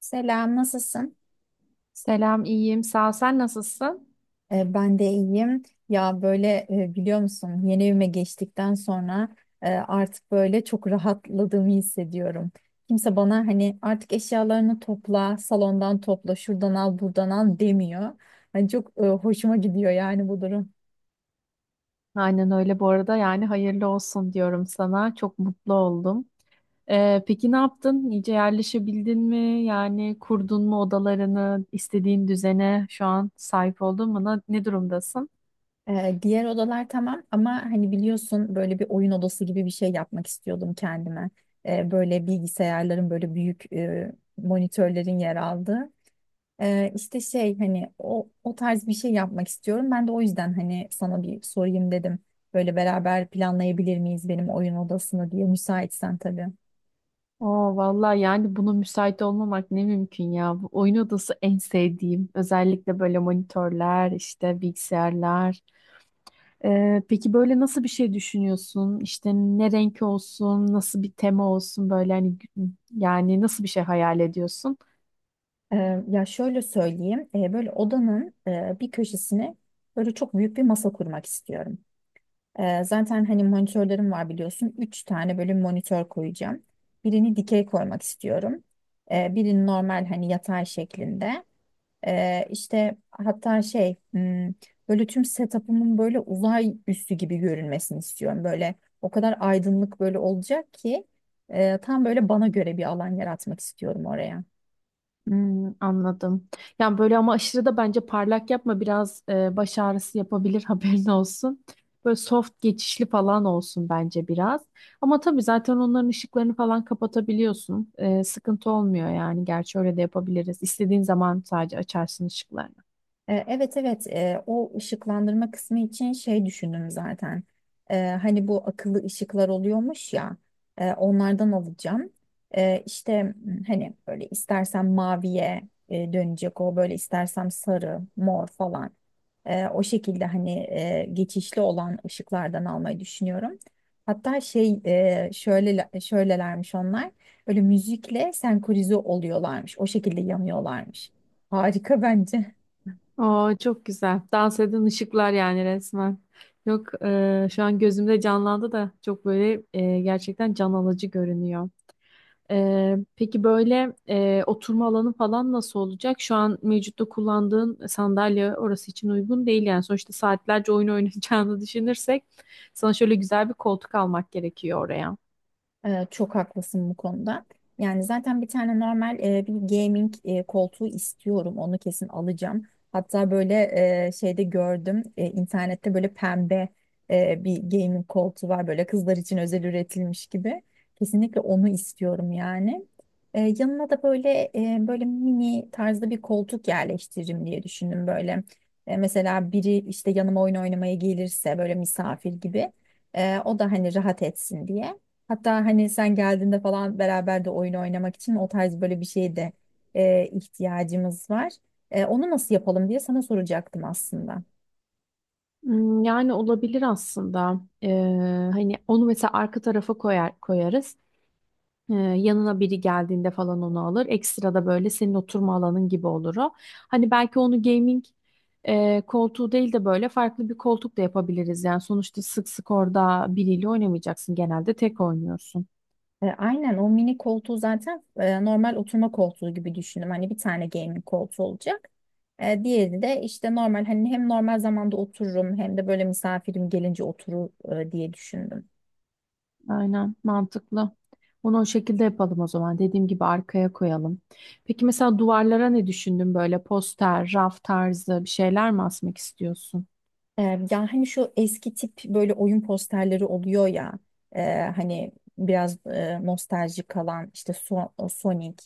Selam, nasılsın? Selam, iyiyim. Sağ ol. Sen nasılsın? Ben de iyiyim. Ya böyle biliyor musun yeni evime geçtikten sonra artık böyle çok rahatladığımı hissediyorum. Kimse bana hani artık eşyalarını topla, salondan topla, şuradan al, buradan al demiyor. Hani çok hoşuma gidiyor yani bu durum. Aynen öyle bu arada. Yani hayırlı olsun diyorum sana. Çok mutlu oldum. Peki ne yaptın? İyice yerleşebildin mi? Yani kurdun mu odalarını, istediğin düzene şu an sahip oldun mu? Ne durumdasın? Diğer odalar tamam ama hani biliyorsun böyle bir oyun odası gibi bir şey yapmak istiyordum kendime. Böyle bilgisayarların böyle büyük monitörlerin yer aldığı. İşte şey hani o tarz bir şey yapmak istiyorum. Ben de o yüzden hani sana bir sorayım dedim. Böyle beraber planlayabilir miyiz benim oyun odasını diye müsaitsen tabii. Oo vallahi yani buna müsait olmamak ne mümkün ya. Bu oyun odası en sevdiğim. Özellikle böyle monitörler, işte bilgisayarlar. Peki böyle nasıl bir şey düşünüyorsun? İşte ne renk olsun, nasıl bir tema olsun böyle hani gü- yani nasıl bir şey hayal ediyorsun? Ya şöyle söyleyeyim. Böyle odanın bir köşesine böyle çok büyük bir masa kurmak istiyorum. Zaten hani monitörlerim var biliyorsun. Üç tane böyle monitör koyacağım. Birini dikey koymak istiyorum. Birini normal hani yatay şeklinde. İşte hatta şey böyle tüm setup'ımın böyle uzay üssü gibi görünmesini istiyorum. Böyle o kadar aydınlık böyle olacak ki tam böyle bana göre bir alan yaratmak istiyorum oraya. Hmm, anladım. Yani böyle ama aşırı da bence parlak yapma biraz baş ağrısı yapabilir haberin olsun. Böyle soft geçişli falan olsun bence biraz. Ama tabii zaten onların ışıklarını falan kapatabiliyorsun. Sıkıntı olmuyor yani. Gerçi öyle de yapabiliriz. İstediğin zaman sadece açarsın ışıkları. Evet, evet. O ışıklandırma kısmı için şey düşündüm zaten. Hani bu akıllı ışıklar oluyormuş ya onlardan alacağım. İşte hani böyle istersem maviye dönecek o böyle istersem sarı, mor falan. O şekilde hani geçişli olan ışıklardan almayı düşünüyorum. Hatta şey şöyle şöylelermiş onlar. Böyle müzikle senkronize oluyorlarmış. O şekilde yanıyorlarmış. Harika bence. Oo, çok güzel. Dans eden ışıklar yani resmen. Yok şu an gözümde canlandı da çok böyle gerçekten can alıcı görünüyor. Peki böyle oturma alanı falan nasıl olacak? Şu an mevcutta kullandığın sandalye orası için uygun değil yani. Sonuçta saatlerce oyun oynayacağını düşünürsek sana şöyle güzel bir koltuk almak gerekiyor oraya. Çok haklısın bu konuda. Yani zaten bir tane normal bir gaming koltuğu istiyorum. Onu kesin alacağım. Hatta böyle şeyde gördüm internette böyle pembe bir gaming koltuğu var. Böyle kızlar için özel üretilmiş gibi. Kesinlikle onu istiyorum yani. Yanına da böyle böyle mini tarzda bir koltuk yerleştiririm diye düşündüm böyle. Mesela biri işte yanıma oyun oynamaya gelirse böyle misafir gibi. O da hani rahat etsin diye. Hatta hani sen geldiğinde falan beraber de oyun oynamak için o tarz böyle bir şeye de ihtiyacımız var. Onu nasıl yapalım diye sana soracaktım aslında. Hmm, yani olabilir aslında. Hani onu mesela arka tarafa koyarız. Yanına biri geldiğinde falan onu alır. Ekstra da böyle senin oturma alanın gibi olur o. Hani belki onu gaming koltuğu değil de böyle farklı bir koltuk da yapabiliriz. Yani sonuçta sık sık orada biriyle oynamayacaksın. Genelde tek oynuyorsun. Aynen o mini koltuğu zaten normal oturma koltuğu gibi düşündüm. Hani bir tane gaming koltuğu olacak. Diğeri de işte normal hani hem normal zamanda otururum hem de böyle misafirim gelince oturur diye düşündüm. Aynen mantıklı. Onu o şekilde yapalım o zaman. Dediğim gibi arkaya koyalım. Peki mesela duvarlara ne düşündün? Böyle poster, raf tarzı bir şeyler mi asmak istiyorsun? E, Ya hani şu eski tip böyle oyun posterleri oluyor ya hani biraz nostaljik kalan işte Sonic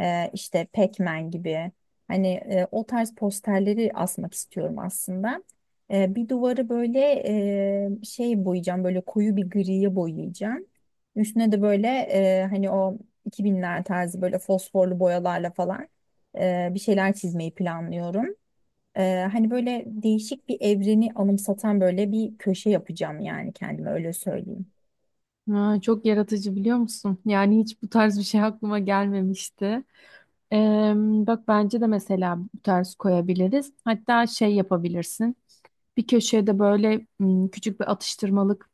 işte Pac-Man gibi hani o tarz posterleri asmak istiyorum aslında. Bir duvarı böyle şey boyayacağım böyle koyu bir griye boyayacağım. Üstüne de böyle hani o 2000'ler tarzı böyle fosforlu boyalarla falan bir şeyler çizmeyi planlıyorum. Hani böyle değişik bir evreni anımsatan böyle bir köşe yapacağım yani kendime öyle söyleyeyim. Ha, çok yaratıcı biliyor musun? Yani hiç bu tarz bir şey aklıma gelmemişti. Eee, Bak bence de mesela bu tarz koyabiliriz. Hatta şey yapabilirsin. Bir köşeye de böyle küçük bir atıştırmalık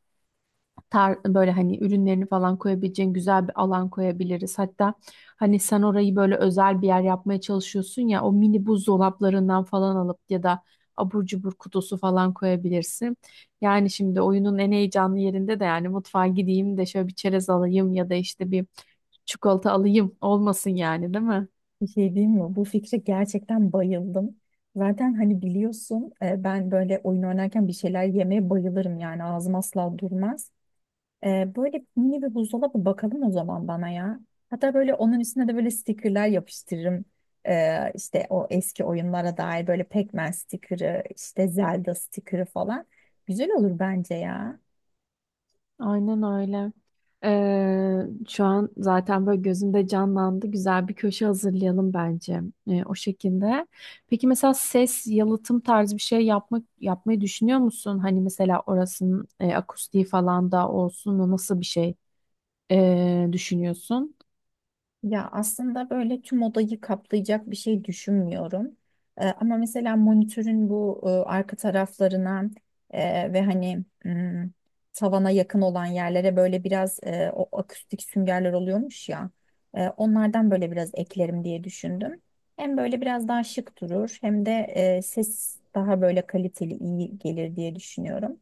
böyle hani ürünlerini falan koyabileceğin güzel bir alan koyabiliriz. Hatta hani sen orayı böyle özel bir yer yapmaya çalışıyorsun ya o mini buzdolaplarından falan alıp ya da abur cubur kutusu falan koyabilirsin. Yani şimdi oyunun en heyecanlı yerinde de yani mutfağa gideyim de şöyle bir çerez alayım ya da işte bir çikolata alayım olmasın yani değil mi? Bir şey diyeyim mi? Bu fikre gerçekten bayıldım. Zaten hani biliyorsun ben böyle oyun oynarken bir şeyler yemeye bayılırım yani ağzım asla durmaz. Böyle mini bir buzdolabı bakalım o zaman bana ya. Hatta böyle onun üstüne de böyle stickerler yapıştırırım. İşte o eski oyunlara dair böyle Pac-Man stickerı, işte Zelda stickerı falan. Güzel olur bence ya. Aynen öyle. Şu an zaten böyle gözümde canlandı. Güzel bir köşe hazırlayalım bence o şekilde. Peki mesela ses yalıtım tarzı bir şey yapmayı düşünüyor musun? Hani mesela orasının akustiği falan da olsun. Nasıl bir şey düşünüyorsun? Ya aslında böyle tüm odayı kaplayacak bir şey düşünmüyorum. Ama mesela monitörün bu arka taraflarına ve hani tavana yakın olan yerlere böyle biraz o akustik süngerler oluyormuş ya. Onlardan böyle biraz eklerim diye düşündüm. Hem böyle biraz daha şık durur hem de ses daha böyle kaliteli iyi gelir diye düşünüyorum.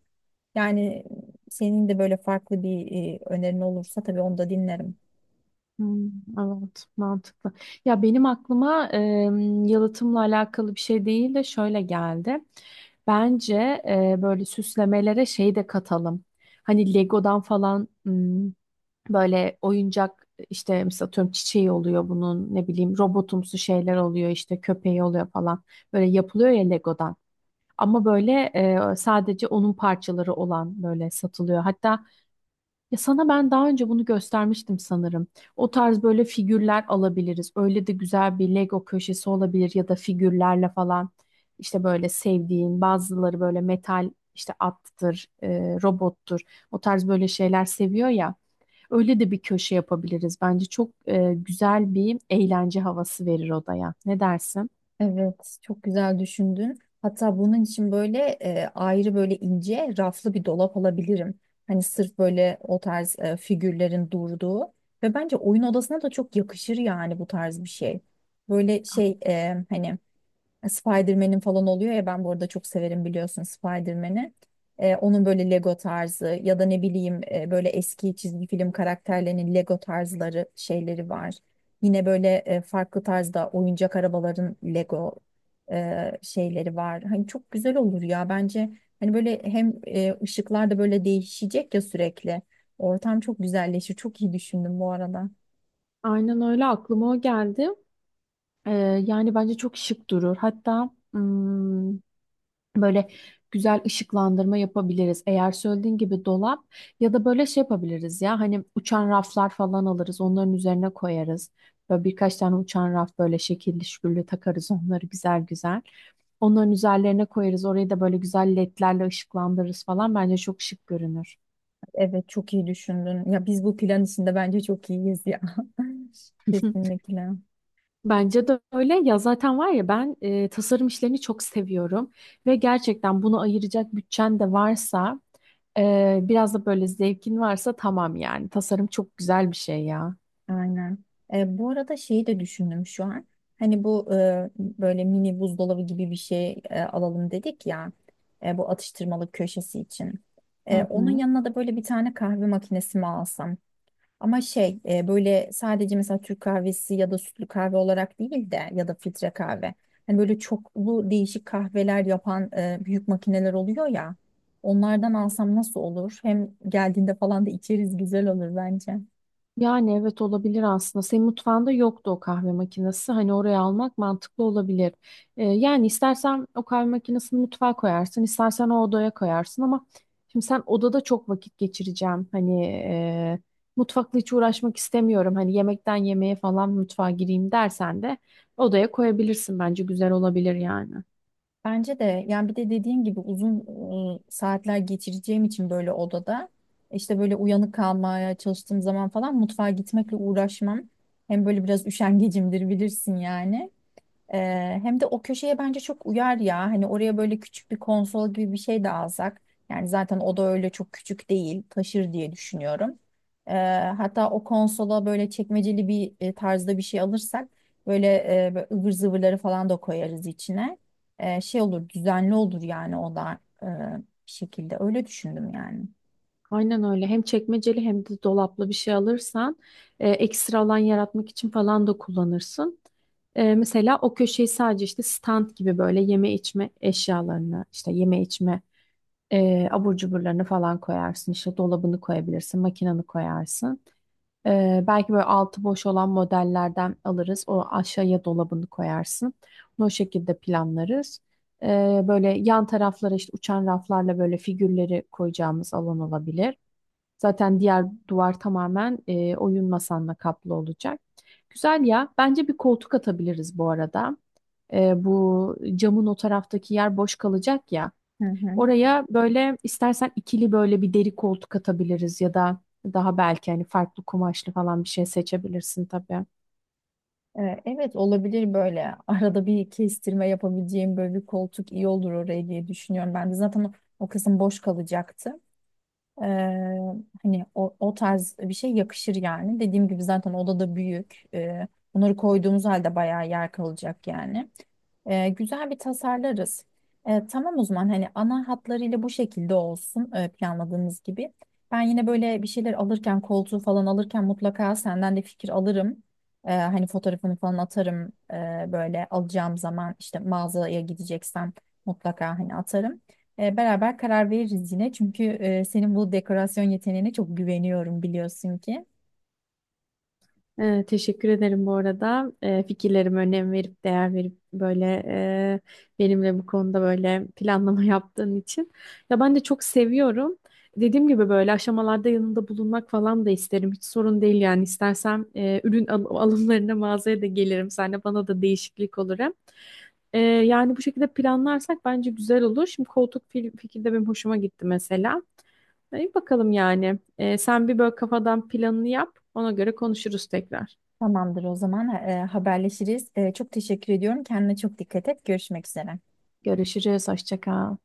Yani senin de böyle farklı bir önerin olursa tabii onu da dinlerim. Hmm, evet, mantıklı. Ya benim aklıma yalıtımla alakalı bir şey değil de şöyle geldi. Bence böyle süslemelere şey de katalım. Hani Lego'dan falan hmm, böyle oyuncak işte mesela atıyorum çiçeği oluyor bunun ne bileyim robotumsu şeyler oluyor işte köpeği oluyor falan. Böyle yapılıyor ya Lego'dan. Ama böyle sadece onun parçaları olan böyle satılıyor. Hatta ya sana ben daha önce bunu göstermiştim sanırım. O tarz böyle figürler alabiliriz. Öyle de güzel bir Lego köşesi olabilir ya da figürlerle falan. İşte böyle sevdiğin bazıları böyle metal işte attır, robottur. O tarz böyle şeyler seviyor ya. Öyle de bir köşe yapabiliriz. Bence çok güzel bir eğlence havası verir odaya. Ne dersin? Evet, çok güzel düşündün. Hatta bunun için böyle ayrı böyle ince raflı bir dolap alabilirim. Hani sırf böyle o tarz figürlerin durduğu ve bence oyun odasına da çok yakışır yani bu tarz bir şey. Böyle şey hani Spider-Man'in falan oluyor ya ben bu arada çok severim biliyorsun Spider-Man'i. Onun böyle Lego tarzı ya da ne bileyim böyle eski çizgi film karakterlerinin Lego tarzları şeyleri var. Yine böyle farklı tarzda oyuncak arabaların Lego şeyleri var. Hani çok güzel olur ya bence. Hani böyle hem ışıklar da böyle değişecek ya sürekli. Ortam çok güzelleşir. Çok iyi düşündüm bu arada. Aynen öyle aklıma o geldi. Ee, Yani bence çok şık durur. Hatta böyle güzel ışıklandırma yapabiliriz. Eğer söylediğin gibi dolap ya da böyle şey yapabiliriz ya hani uçan raflar falan alırız onların üzerine koyarız. Böyle birkaç tane uçan raf böyle şekilli şükürlü takarız onları güzel güzel. Onların üzerlerine koyarız. Orayı da böyle güzel ledlerle ışıklandırırız falan. Bence çok şık görünür. Evet, çok iyi düşündün. Ya biz bu plan içinde bence çok iyiyiz ya. Kesinlikle. Bence de öyle. Ya zaten var ya ben tasarım işlerini çok seviyorum ve gerçekten bunu ayıracak bütçen de varsa biraz da böyle zevkin varsa tamam yani. Tasarım çok güzel bir şey ya. Aynen. Bu arada şeyi de düşündüm şu an. Hani bu böyle mini buzdolabı gibi bir şey alalım dedik ya. Bu atıştırmalık köşesi için. Hı Onun hı. yanına da böyle bir tane kahve makinesi mi alsam? Ama şey böyle sadece mesela Türk kahvesi ya da sütlü kahve olarak değil de ya da filtre kahve. Hani böyle çoklu değişik kahveler yapan büyük makineler oluyor ya. Onlardan alsam nasıl olur? Hem geldiğinde falan da içeriz güzel olur bence. Yani evet olabilir aslında. Senin mutfağında yoktu o kahve makinesi. Hani oraya almak mantıklı olabilir. Yani istersen o kahve makinesini mutfağa koyarsın, istersen o odaya koyarsın ama şimdi sen odada çok vakit geçireceğim. Hani mutfakla hiç uğraşmak istemiyorum. Hani yemekten yemeğe falan mutfağa gireyim dersen de odaya koyabilirsin. Bence güzel olabilir yani. Bence de yani bir de dediğim gibi uzun saatler geçireceğim için böyle odada işte böyle uyanık kalmaya çalıştığım zaman falan mutfağa gitmekle uğraşmam. Hem böyle biraz üşengecimdir bilirsin yani. Hem de o köşeye bence çok uyar ya. Hani oraya böyle küçük bir konsol gibi bir şey de alsak. Yani zaten o da öyle çok küçük değil. Taşır diye düşünüyorum. Ee, Hatta o konsola böyle çekmeceli bir tarzda bir şey alırsak böyle, böyle ıvır zıvırları falan da koyarız içine. Şey olur, düzenli olur yani o da bir şekilde. Öyle düşündüm yani. Aynen öyle. Hem çekmeceli hem de dolaplı bir şey alırsan ekstra alan yaratmak için falan da kullanırsın. Mesela o köşeyi sadece işte stand gibi böyle yeme içme eşyalarını, işte yeme içme abur cuburlarını falan koyarsın. İşte dolabını koyabilirsin, makinanı koyarsın. Belki böyle altı boş olan modellerden alırız. O aşağıya dolabını koyarsın. Bunu o şekilde planlarız. E, Böyle yan taraflara işte uçan raflarla böyle figürleri koyacağımız alan olabilir. Zaten diğer duvar tamamen oyun masanla kaplı olacak. Güzel ya. Bence bir koltuk atabiliriz bu arada. Bu camın o taraftaki yer boş kalacak ya. Hı hı. Oraya böyle istersen ikili böyle bir deri koltuk atabiliriz ya da daha belki hani farklı kumaşlı falan bir şey seçebilirsin tabii. Evet, olabilir böyle arada bir kestirme yapabileceğim böyle bir koltuk iyi olur oraya diye düşünüyorum. Ben de zaten o kısım boş kalacaktı. Ee, Hani o tarz bir şey yakışır yani. Dediğim gibi zaten odada büyük. Bunları koyduğumuz halde bayağı yer kalacak yani. Güzel bir tasarlarız. Tamam o zaman hani ana hatlarıyla bu şekilde olsun planladığımız gibi. Ben yine böyle bir şeyler alırken koltuğu falan alırken mutlaka senden de fikir alırım. Hani fotoğrafını falan atarım böyle alacağım zaman işte mağazaya gideceksem mutlaka hani atarım. Beraber karar veririz yine. Çünkü senin bu dekorasyon yeteneğine çok güveniyorum biliyorsun ki. Teşekkür ederim bu arada. Fikirlerime önem verip değer verip böyle e, benimle bu konuda böyle planlama yaptığın için. Ya ben de çok seviyorum. Dediğim gibi böyle aşamalarda yanında bulunmak falan da isterim. Hiç sorun değil yani. İstersem ürün alımlarına mağazaya da gelirim. Sen de bana da değişiklik olur hem. Yani bu şekilde planlarsak bence güzel olur. Şimdi koltuk fikri de benim hoşuma gitti mesela. İyi bakalım yani. Sen bir böyle kafadan planını yap. Ona göre konuşuruz tekrar. Tamamdır o zaman haberleşiriz. Çok teşekkür ediyorum. Kendine çok dikkat et. Görüşmek üzere. Görüşürüz. Hoşça kal.